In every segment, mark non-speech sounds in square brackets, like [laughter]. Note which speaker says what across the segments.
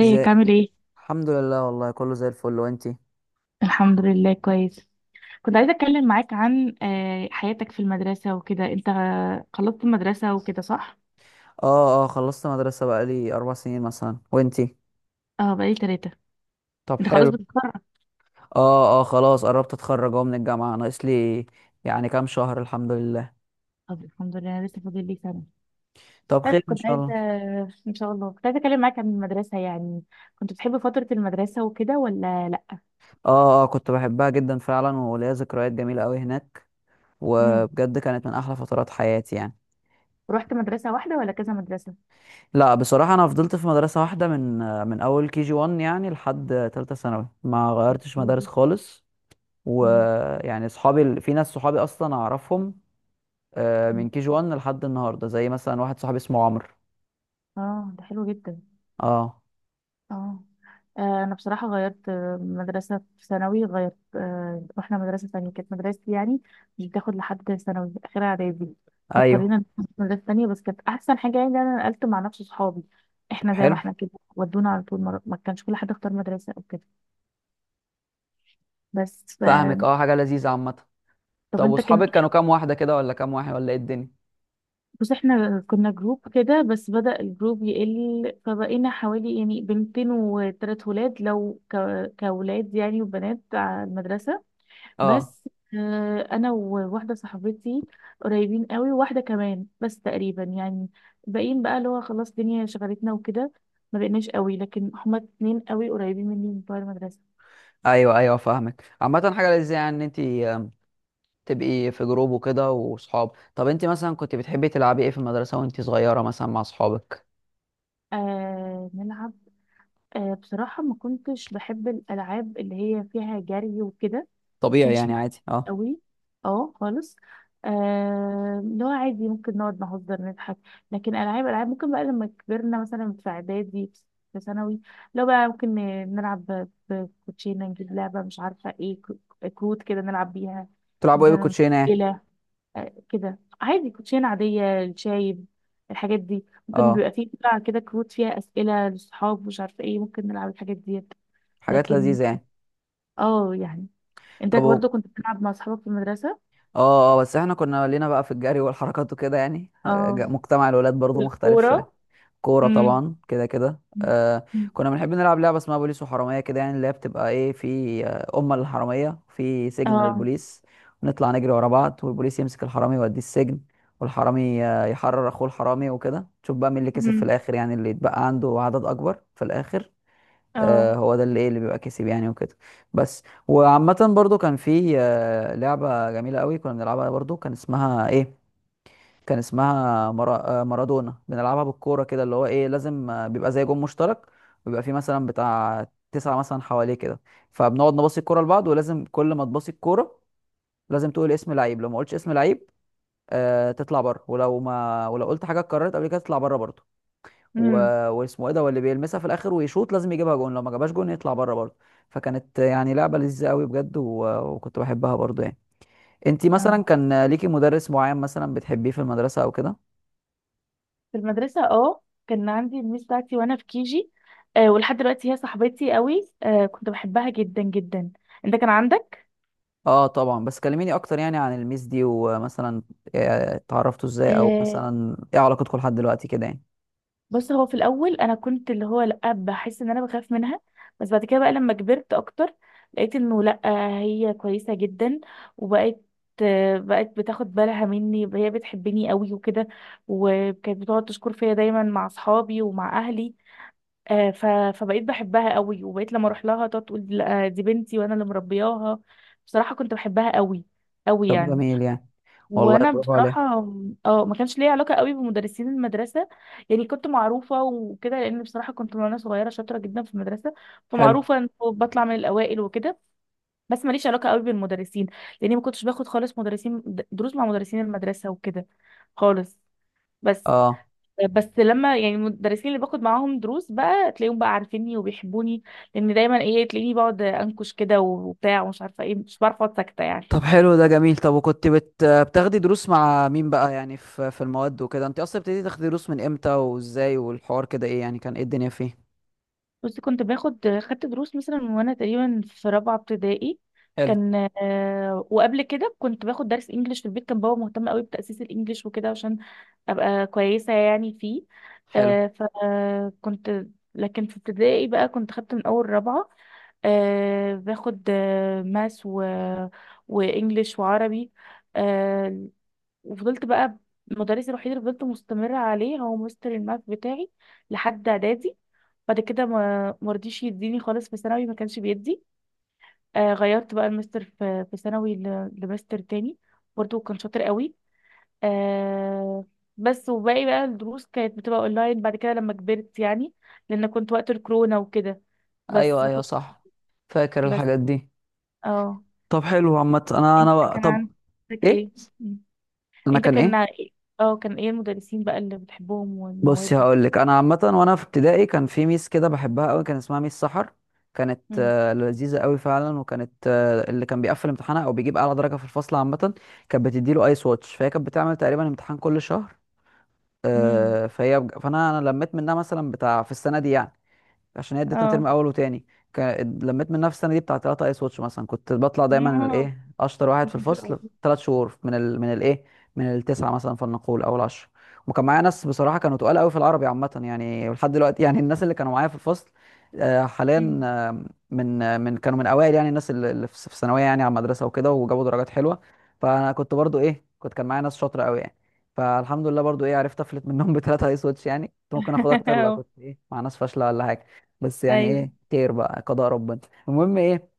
Speaker 1: ازاي.
Speaker 2: عامل ايه؟
Speaker 1: الحمد لله، والله كله زي الفل. وانتي؟
Speaker 2: الحمد لله كويس. كنت عايزة اتكلم معاك عن حياتك في المدرسة وكده. انت خلصت المدرسة وكده صح؟
Speaker 1: اه اه، خلصت مدرسة بقالي 4 سنين مثلا. وانتي؟
Speaker 2: اه، بقالي تلاتة.
Speaker 1: طب
Speaker 2: انت خلاص
Speaker 1: حلو.
Speaker 2: بتتخرج.
Speaker 1: اه اه، خلاص قربت اتخرج اهو من الجامعة، ناقص لي يعني كام شهر، الحمد لله.
Speaker 2: طب الحمد لله انا لسه فاضل لي سنة.
Speaker 1: طب
Speaker 2: طيب
Speaker 1: خير ان
Speaker 2: كنت
Speaker 1: شاء
Speaker 2: عايزة،
Speaker 1: الله.
Speaker 2: ان شاء الله كنت عايزة اتكلم معاك عن المدرسة يعني. كنت بتحب فترة المدرسة وكده ولا لا؟
Speaker 1: اه اه، كنت بحبها جدا فعلا وليا ذكريات جميلة قوي هناك،
Speaker 2: امم
Speaker 1: وبجد كانت من احلى فترات حياتي يعني.
Speaker 2: رحت مدرسة واحدة ولا كذا مدرسة؟
Speaker 1: لا، بصراحة انا فضلت في مدرسة واحدة من اول كي جي 1 يعني لحد تالتة ثانوي، ما غيرتش
Speaker 2: حلو
Speaker 1: مدارس
Speaker 2: جدا.
Speaker 1: خالص.
Speaker 2: مم.
Speaker 1: ويعني في ناس صحابي اصلا اعرفهم
Speaker 2: مم.
Speaker 1: من كي جي 1 لحد النهارده، زي مثلا واحد صاحبي اسمه عمرو.
Speaker 2: اه ده حلو جدا.
Speaker 1: اه.
Speaker 2: اه. انا بصراحه غيرت مدرسه في ثانوي، غيرت، رحنا مدرسه تانية كانت مدرستي يعني. مش بتاخد لحد ثانوي، اخرها اعدادي.
Speaker 1: ايوه.
Speaker 2: فاضطرينا نروح مدرسه تانية، بس كانت احسن حاجه يعني إن انا نقلت مع نفس صحابي،
Speaker 1: طب
Speaker 2: احنا زي ما
Speaker 1: حلو.
Speaker 2: احنا كده. ودونا على طول مرة. ما كانش كل حد اختار مدرسه او كده. بس ف...
Speaker 1: فاهمك، حاجه لذيذه عامه.
Speaker 2: طب
Speaker 1: طب،
Speaker 2: انت كان.
Speaker 1: واصحابك كانوا كام واحده كده ولا كام واحد ولا ايه الدنيا؟
Speaker 2: بص، احنا كنا جروب كده بس بدأ الجروب يقل، فبقينا حوالي يعني بنتين وتلات ولاد. كولاد يعني وبنات على المدرسه.
Speaker 1: اه
Speaker 2: بس انا وواحده صاحبتي قريبين قوي، وواحده كمان بس تقريبا يعني باقيين بقى، اللي هو خلاص الدنيا شغلتنا وكده. ما بقيناش قوي، لكن هما اتنين قوي قريبين مني من بتوع المدرسه.
Speaker 1: ايوه، فاهمك عامه، حاجه لذيذه يعني ان انت تبقي في جروب وكده واصحاب. طب انت مثلا كنت بتحبي تلعبي ايه في المدرسه وانت صغيره مثلا مع اصحابك؟
Speaker 2: آه نلعب، آه بصراحه ما كنتش بحب الالعاب اللي هي فيها جري وكده.
Speaker 1: طبيعي
Speaker 2: كانش
Speaker 1: يعني
Speaker 2: ليه
Speaker 1: عادي، اه.
Speaker 2: قوي، اه خالص. اللي هو عادي ممكن نقعد نهزر نضحك، لكن العاب العاب ممكن بقى لما كبرنا مثلا في اعدادي، في ثانوي، لو بقى ممكن نلعب بكوتشينه، نجيب لعبه مش عارفه ايه، كروت كده نلعب بيها.
Speaker 1: تلعبوا ايه
Speaker 2: مثلا
Speaker 1: بالكوتشينه يعني؟
Speaker 2: إلى، كده عادي كوتشينه عاديه الشايب. الحاجات دي ممكن
Speaker 1: اه،
Speaker 2: بيبقى فيه بتاع كده كروت فيها اسئله للصحاب، مش عارفه ايه، ممكن نلعب الحاجات دي.
Speaker 1: حاجات
Speaker 2: لكن
Speaker 1: لذيذه يعني.
Speaker 2: اه يعني انت
Speaker 1: طب
Speaker 2: برضو كنت بتلعب مع اصحابك في المدرسه.
Speaker 1: بس احنا كنا لينا بقى في الجري والحركات وكده يعني [laughs]
Speaker 2: اه
Speaker 1: مجتمع الولاد برضو مختلف شويه.
Speaker 2: والكورة.
Speaker 1: كورة
Speaker 2: امم
Speaker 1: طبعا كده كده. كنا بنحب نلعب لعبة اسمها بوليس وحرامية كده يعني، اللي هي بتبقى في أمة للحرامية في سجن
Speaker 2: اه.
Speaker 1: للبوليس. ونطلع نجري ورا بعض، والبوليس يمسك الحرامي يوديه السجن، والحرامي يحرر أخوه الحرامي وكده، تشوف بقى مين اللي كسب في
Speaker 2: امم
Speaker 1: الآخر يعني، اللي يتبقى عنده عدد أكبر في الآخر.
Speaker 2: اه.
Speaker 1: هو ده اللي اللي بيبقى كسب يعني وكده. بس وعامة برضو كان في لعبة جميلة قوي كنا بنلعبها برضو، كان اسمها ايه؟ كان اسمها مرا... آه، مارادونا. بنلعبها بالكوره كده، اللي هو لازم بيبقى زي جون مشترك. بيبقى فيه مثلا بتاع تسعة مثلا حواليه كده. فبنقعد نباصي الكوره لبعض، ولازم كل ما تباصي الكوره لازم تقول اسم لعيب. لو ما قلتش اسم لعيب تطلع بره، ولو ما ولو قلت حاجه اتكررت قبل كده تطلع بره برضه. و...
Speaker 2: امم
Speaker 1: واسمه ايه ده، واللي بيلمسها في الاخر ويشوط لازم يجيبها جون، لو ما جابهاش جون يطلع بره برضه. فكانت يعني لعبه لذيذه قوي بجد، وكنت بحبها برضه يعني. انتي مثلا
Speaker 2: اه.
Speaker 1: كان ليكي مدرس معين مثلا بتحبيه في المدرسه او كده؟
Speaker 2: في المدرسة، اه كان عندي الميس بتاعتي وانا في كيجي. آه ولحد دلوقتي هي صاحبتي قوي. آه كنت بحبها جدا جدا. انت كان عندك؟
Speaker 1: اه طبعا، بس كلميني اكتر يعني عن الميس دي، ومثلا اتعرفتوا ازاي، او مثلا ايه علاقتكم لحد دلوقتي كده يعني.
Speaker 2: بص، هو في الاول انا كنت اللي هو لا، بحس ان انا بخاف منها، بس بعد كده بقى لما كبرت اكتر لقيت انه لا، هي كويسه جدا. وبقت، بقت بتاخد بالها مني، هي بتحبني قوي وكده. وكانت بتقعد تشكر فيا دايما مع اصحابي ومع اهلي. آه، ف... فبقيت بحبها قوي، وبقيت لما اروح لها تقعد تقول لا دي بنتي وانا اللي مربياها. بصراحه كنت بحبها قوي قوي
Speaker 1: طب
Speaker 2: يعني.
Speaker 1: جميل يعني. والله
Speaker 2: وانا
Speaker 1: برافو
Speaker 2: بصراحه
Speaker 1: عليه.
Speaker 2: اه، ما كانش ليا علاقه قوي بمدرسين المدرسه. يعني كنت معروفه وكده، لان بصراحه كنت من وانا صغيره شاطره جدا في المدرسه،
Speaker 1: حلو.
Speaker 2: فمعروفه ان بطلع من الاوائل وكده. بس ماليش علاقه قوي بالمدرسين، لاني ما كنتش باخد خالص مدرسين، دروس مع مدرسين المدرسه وكده خالص. بس،
Speaker 1: اه.
Speaker 2: بس لما يعني المدرسين اللي باخد معاهم دروس بقى، تلاقيهم بقى عارفيني وبيحبوني، لان دايما ايه، تلاقيني بقعد انكش كده وبتاع ومش عارفه ايه، مش بعرف اقعد ساكته يعني.
Speaker 1: طب حلو، ده جميل. طب وكنت بتاخدي دروس مع مين بقى يعني في المواد وكده؟ انت اصلا ابتديتي تاخدي دروس من امتى وازاي؟ والحوار كده ايه يعني، كان ايه الدنيا فيه؟
Speaker 2: بصي، كنت باخد، خدت دروس مثلا من وانا تقريبا في رابعه ابتدائي.
Speaker 1: حلو.
Speaker 2: كان وقبل كده كنت باخد درس انجليش في البيت، كان بابا مهتم قوي بتأسيس الانجليش وكده عشان ابقى كويسه يعني فيه.
Speaker 1: حلو.
Speaker 2: فكنت، لكن في ابتدائي بقى كنت خدت من اول رابعه، باخد ماس وانجليش وعربي. آه، وفضلت بقى، المدرس الوحيد اللي فضلت مستمرة عليه هو مستر الماث بتاعي لحد اعدادي. بعد كده ما مرضيش يديني خالص، في ثانوي ما كانش بيدي. آه غيرت بقى المستر في ثانوي لمستر تاني، برضه كان شاطر قوي. آه، بس وباقي بقى الدروس كانت بتبقى اونلاين بعد كده لما كبرت يعني، لان كنت وقت الكورونا وكده. بس
Speaker 1: ايوه
Speaker 2: ما
Speaker 1: ايوه
Speaker 2: كنتش،
Speaker 1: صح، فاكر
Speaker 2: بس
Speaker 1: الحاجات دي.
Speaker 2: اه.
Speaker 1: طب حلو عامة.
Speaker 2: انت كان
Speaker 1: طب
Speaker 2: عندك
Speaker 1: ايه،
Speaker 2: ايه؟
Speaker 1: انا
Speaker 2: انت
Speaker 1: كان
Speaker 2: كان
Speaker 1: ايه؟
Speaker 2: إيه؟ اه كان ايه المدرسين بقى اللي بتحبهم
Speaker 1: بصي
Speaker 2: والمواد؟
Speaker 1: هقول لك. انا عامه وانا في ابتدائي كان في ميس كده بحبها قوي، كان اسمها ميس سحر. كانت
Speaker 2: مم.
Speaker 1: لذيذه قوي فعلا، وكانت اللي كان بيقفل امتحانها او بيجيب اعلى درجه في الفصل عامه كانت بتديله ايس واتش. فهي كانت بتعمل تقريبا امتحان كل شهر.
Speaker 2: مم.
Speaker 1: فانا لميت منها مثلا بتاع في السنه دي يعني. عشان هي ادتنا ترم
Speaker 2: اه
Speaker 1: اول وتاني. ك... لميت من نفس السنه دي بتاع 3 ايس واتش مثلا. كنت بطلع
Speaker 2: ما
Speaker 1: دايما اشطر واحد
Speaker 2: هو
Speaker 1: في
Speaker 2: مش قوي.
Speaker 1: الفصل 3 شهور من ال... من الايه من التسعه مثلا فلنقول او العشره. وكان معايا ناس بصراحه كانوا تقال قوي في العربي عامه يعني، ولحد دلوقتي يعني الناس اللي كانوا معايا في الفصل حاليا،
Speaker 2: مم.
Speaker 1: من كانوا من اوائل يعني، الناس اللي في الثانويه يعني، على المدرسه وكده وجابوا درجات حلوه. فانا كنت برضو ايه كنت كان معايا ناس شاطره قوي يعني. فالحمد لله برضو عرفت افلت منهم [laughs] ب3 ايس واتش يعني. كنت ممكن اخد
Speaker 2: [laughs]
Speaker 1: اكتر لو
Speaker 2: أه.
Speaker 1: كنت مع ناس فاشله ولا حاجه. بس يعني
Speaker 2: ايوه.
Speaker 1: خير بقى قضاء ربنا. المهم.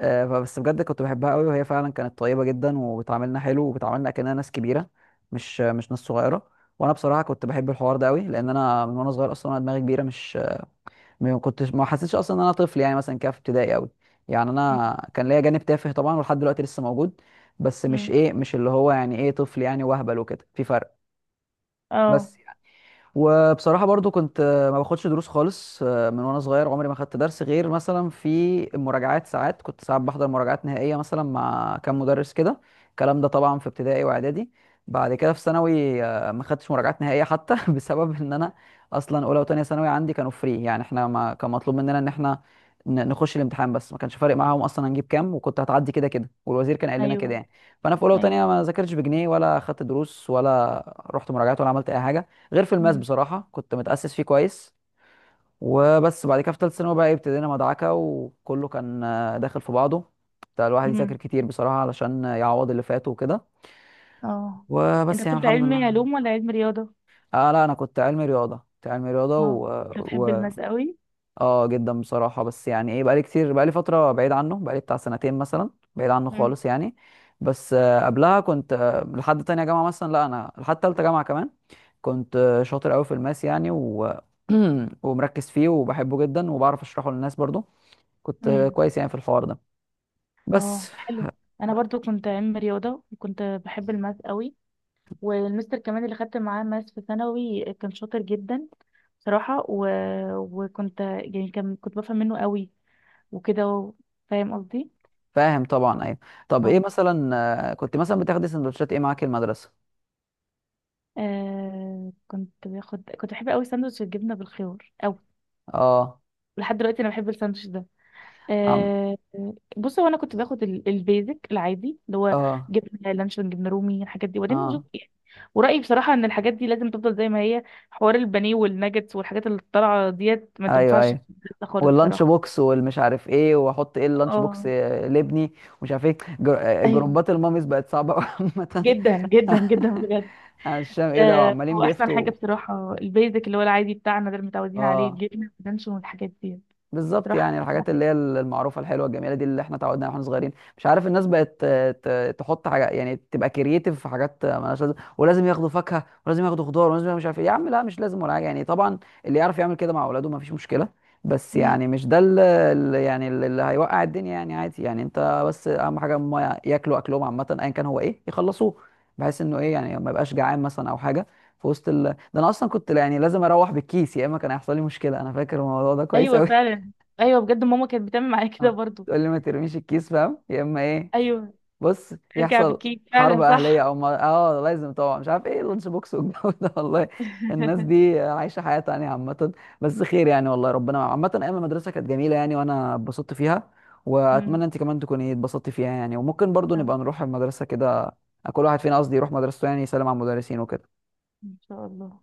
Speaker 1: فبس بجد كنت بحبها قوي، وهي فعلا كانت طيبه جدا، وبتعاملنا حلو وبتعاملنا كأننا ناس كبيره، مش ناس صغيره. وانا بصراحه كنت بحب الحوار ده قوي، لان انا من وانا صغير اصلا انا دماغي كبيره، مش ما كنتش ما حسيتش اصلا ان انا طفل يعني، مثلا كده في ابتدائي قوي. يعني
Speaker 2: مم.
Speaker 1: انا كان ليا جانب تافه طبعا ولحد دلوقتي لسه موجود. بس مش
Speaker 2: مم.
Speaker 1: مش اللي هو يعني طفل يعني وهبل وكده، في فرق.
Speaker 2: اه.
Speaker 1: بس. وبصراحة برضو كنت ما باخدش دروس خالص من وانا صغير، عمري ما خدت درس غير مثلا في المراجعات. ساعات كنت ساعات بحضر مراجعات نهائية مثلا مع كام مدرس كده، الكلام ده طبعا في ابتدائي واعدادي. بعد كده في ثانوي ما خدتش مراجعات نهائية حتى [laughs] بسبب ان انا اصلا اولى وتانية ثانوي عندي كانوا فري، يعني احنا ما كان مطلوب مننا ان احنا نخش الامتحان، بس ما كانش فارق معاهم اصلا هنجيب كام، وكنت هتعدي كده كده، والوزير كان قال لنا كده
Speaker 2: ايوه
Speaker 1: يعني. فانا في اولى
Speaker 2: ايوه.
Speaker 1: وتانية ما ذاكرتش بجنيه، ولا خدت دروس، ولا رحت مراجعات، ولا عملت اي حاجة، غير في الماس
Speaker 2: مم.
Speaker 1: بصراحة كنت متأسس فيه كويس. وبس بعد كده في تالتة ثانوي بقى ابتدينا مدعكة، وكله كان داخل في بعضه، بتاع الواحد يذاكر
Speaker 2: مم.
Speaker 1: كتير بصراحة علشان يعوض اللي فاته وكده.
Speaker 2: اه. انت
Speaker 1: وبس يعني
Speaker 2: كنت
Speaker 1: الحمد
Speaker 2: علمي
Speaker 1: لله.
Speaker 2: علوم ولا علمي رياضة؟
Speaker 1: لا أنا كنت علمي رياضة، كنت علمي رياضة
Speaker 2: اه،
Speaker 1: و...
Speaker 2: انت بتحب
Speaker 1: و...
Speaker 2: الماس قوي.
Speaker 1: آه جدا بصراحة، بس يعني بقالي كتير، بقالي فترة بعيد عنه، بقالي بتاع سنتين مثلا بعيد عنه
Speaker 2: مم.
Speaker 1: خالص يعني. بس قبلها كنت لحد تانية جامعة مثلا، لا أنا لحد تالتة جامعة كمان كنت شاطر قوي في الماس يعني. [clears throat] ومركز فيه وبحبه جدا، وبعرف اشرحه للناس برضو. كنت
Speaker 2: مم.
Speaker 1: كويس يعني في الحوار ده.
Speaker 2: اه
Speaker 1: بس.
Speaker 2: حلو. انا برضو كنت علمي رياضة، وكنت بحب الماس قوي. والمستر كمان اللي خدت معاه ماس في ثانوي كان شاطر جدا بصراحة. وكنت يعني كنت بفهم منه قوي وكده فاهم قصدي؟
Speaker 1: فاهم طبعا، ايوه. طب ايه
Speaker 2: اه.
Speaker 1: مثلا، كنت مثلا بتاخدي سندوتشات ايه معاكي المدرسه؟
Speaker 2: كنت باخد، كنت بحب قوي ساندوتش الجبنه بالخيار قوي.
Speaker 1: اه.
Speaker 2: لحد دلوقتي انا بحب الساندوتش ده.
Speaker 1: عم.
Speaker 2: آه، بص هو انا كنت باخد البيزك العادي اللي هو
Speaker 1: اه
Speaker 2: جبنه لانشون جبنه رومي الحاجات دي، وبعدين بشوف
Speaker 1: اه
Speaker 2: يعني. ورايي بصراحه ان الحاجات دي لازم تفضل زي ما هي. حوار البانيه والناجتس والحاجات اللي طالعه ديت ما
Speaker 1: ايوه
Speaker 2: تنفعش في
Speaker 1: ايوه.
Speaker 2: البيت خالص
Speaker 1: واللانش
Speaker 2: بصراحه.
Speaker 1: بوكس والمش عارف ايه، واحط ايه اللانش بوكس
Speaker 2: اه
Speaker 1: لابني، ومش عارف ايه جر... آه،
Speaker 2: ايوه،
Speaker 1: جروبات الماميز بقت صعبه [laughs] قوي عامه.
Speaker 2: جدا جدا جدا بجد.
Speaker 1: [laughs] عشان ايه ده، وعمالين
Speaker 2: هو احسن حاجه
Speaker 1: بيفتوا.
Speaker 2: بصراحه البيزك اللي هو العادي بتاعنا ده اللي متعودين عليه،
Speaker 1: اه
Speaker 2: الجبنه واللانشون والحاجات دي.
Speaker 1: بالظبط،
Speaker 2: راح [laughs]
Speaker 1: يعني
Speaker 2: أركز
Speaker 1: الحاجات اللي هي
Speaker 2: عليه.
Speaker 1: المعروفه الحلوه الجميله دي اللي احنا تعودنا عليها واحنا صغيرين، مش عارف الناس بقت تحط حاجه، يعني تبقى كرييتيف في حاجات مالهاش لازمه، ولازم ياخدوا فاكهه ولازم ياخدوا خضار ولازم ياخدوا مش عارف ايه، يا عم لا مش لازم ولا حاجه يعني طبعا. اللي يعرف يعمل كده مع اولاده ما فيش مشكله، بس
Speaker 2: مم.
Speaker 1: يعني مش ده اللي هيوقع الدنيا يعني، عادي يعني، انت بس اهم حاجه هم ياكلوا اكلهم عامه ايا كان هو يخلصوه بحيث انه يعني ما يبقاش جعان مثلا او حاجه. في وسط ده انا اصلا كنت يعني لازم اروح بالكيس، يا اما كان هيحصل لي مشكله، انا فاكر الموضوع ده كويس
Speaker 2: ايوه
Speaker 1: قوي.
Speaker 2: فعلا. ايوه بجد، ماما كانت بتعمل معايا كده
Speaker 1: اه،
Speaker 2: برضو.
Speaker 1: تقول لي ما ترميش الكيس فاهم، يا اما ايه.
Speaker 2: ايوه
Speaker 1: بص
Speaker 2: ارجع
Speaker 1: يحصل
Speaker 2: بالكيك،
Speaker 1: حرب
Speaker 2: فعلا
Speaker 1: اهليه
Speaker 2: صح.
Speaker 1: او ما... اه لازم طبعا مش عارف ايه اللانش بوكس والجو ده [laughs] والله. الناس
Speaker 2: [laughs]
Speaker 1: دي عايشه حياه تانية عامه. بس خير يعني والله، ربنا عامه ايام المدرسه كانت جميله يعني، وانا اتبسطت فيها،
Speaker 2: مم.
Speaker 1: واتمنى انت كمان تكوني اتبسطتي فيها يعني، وممكن برضو
Speaker 2: أهو،
Speaker 1: نبقى نروح المدرسه كده، كل واحد فينا قصدي يروح مدرسته، يعني يسلم على المدرسين وكده.
Speaker 2: ان شاء الله.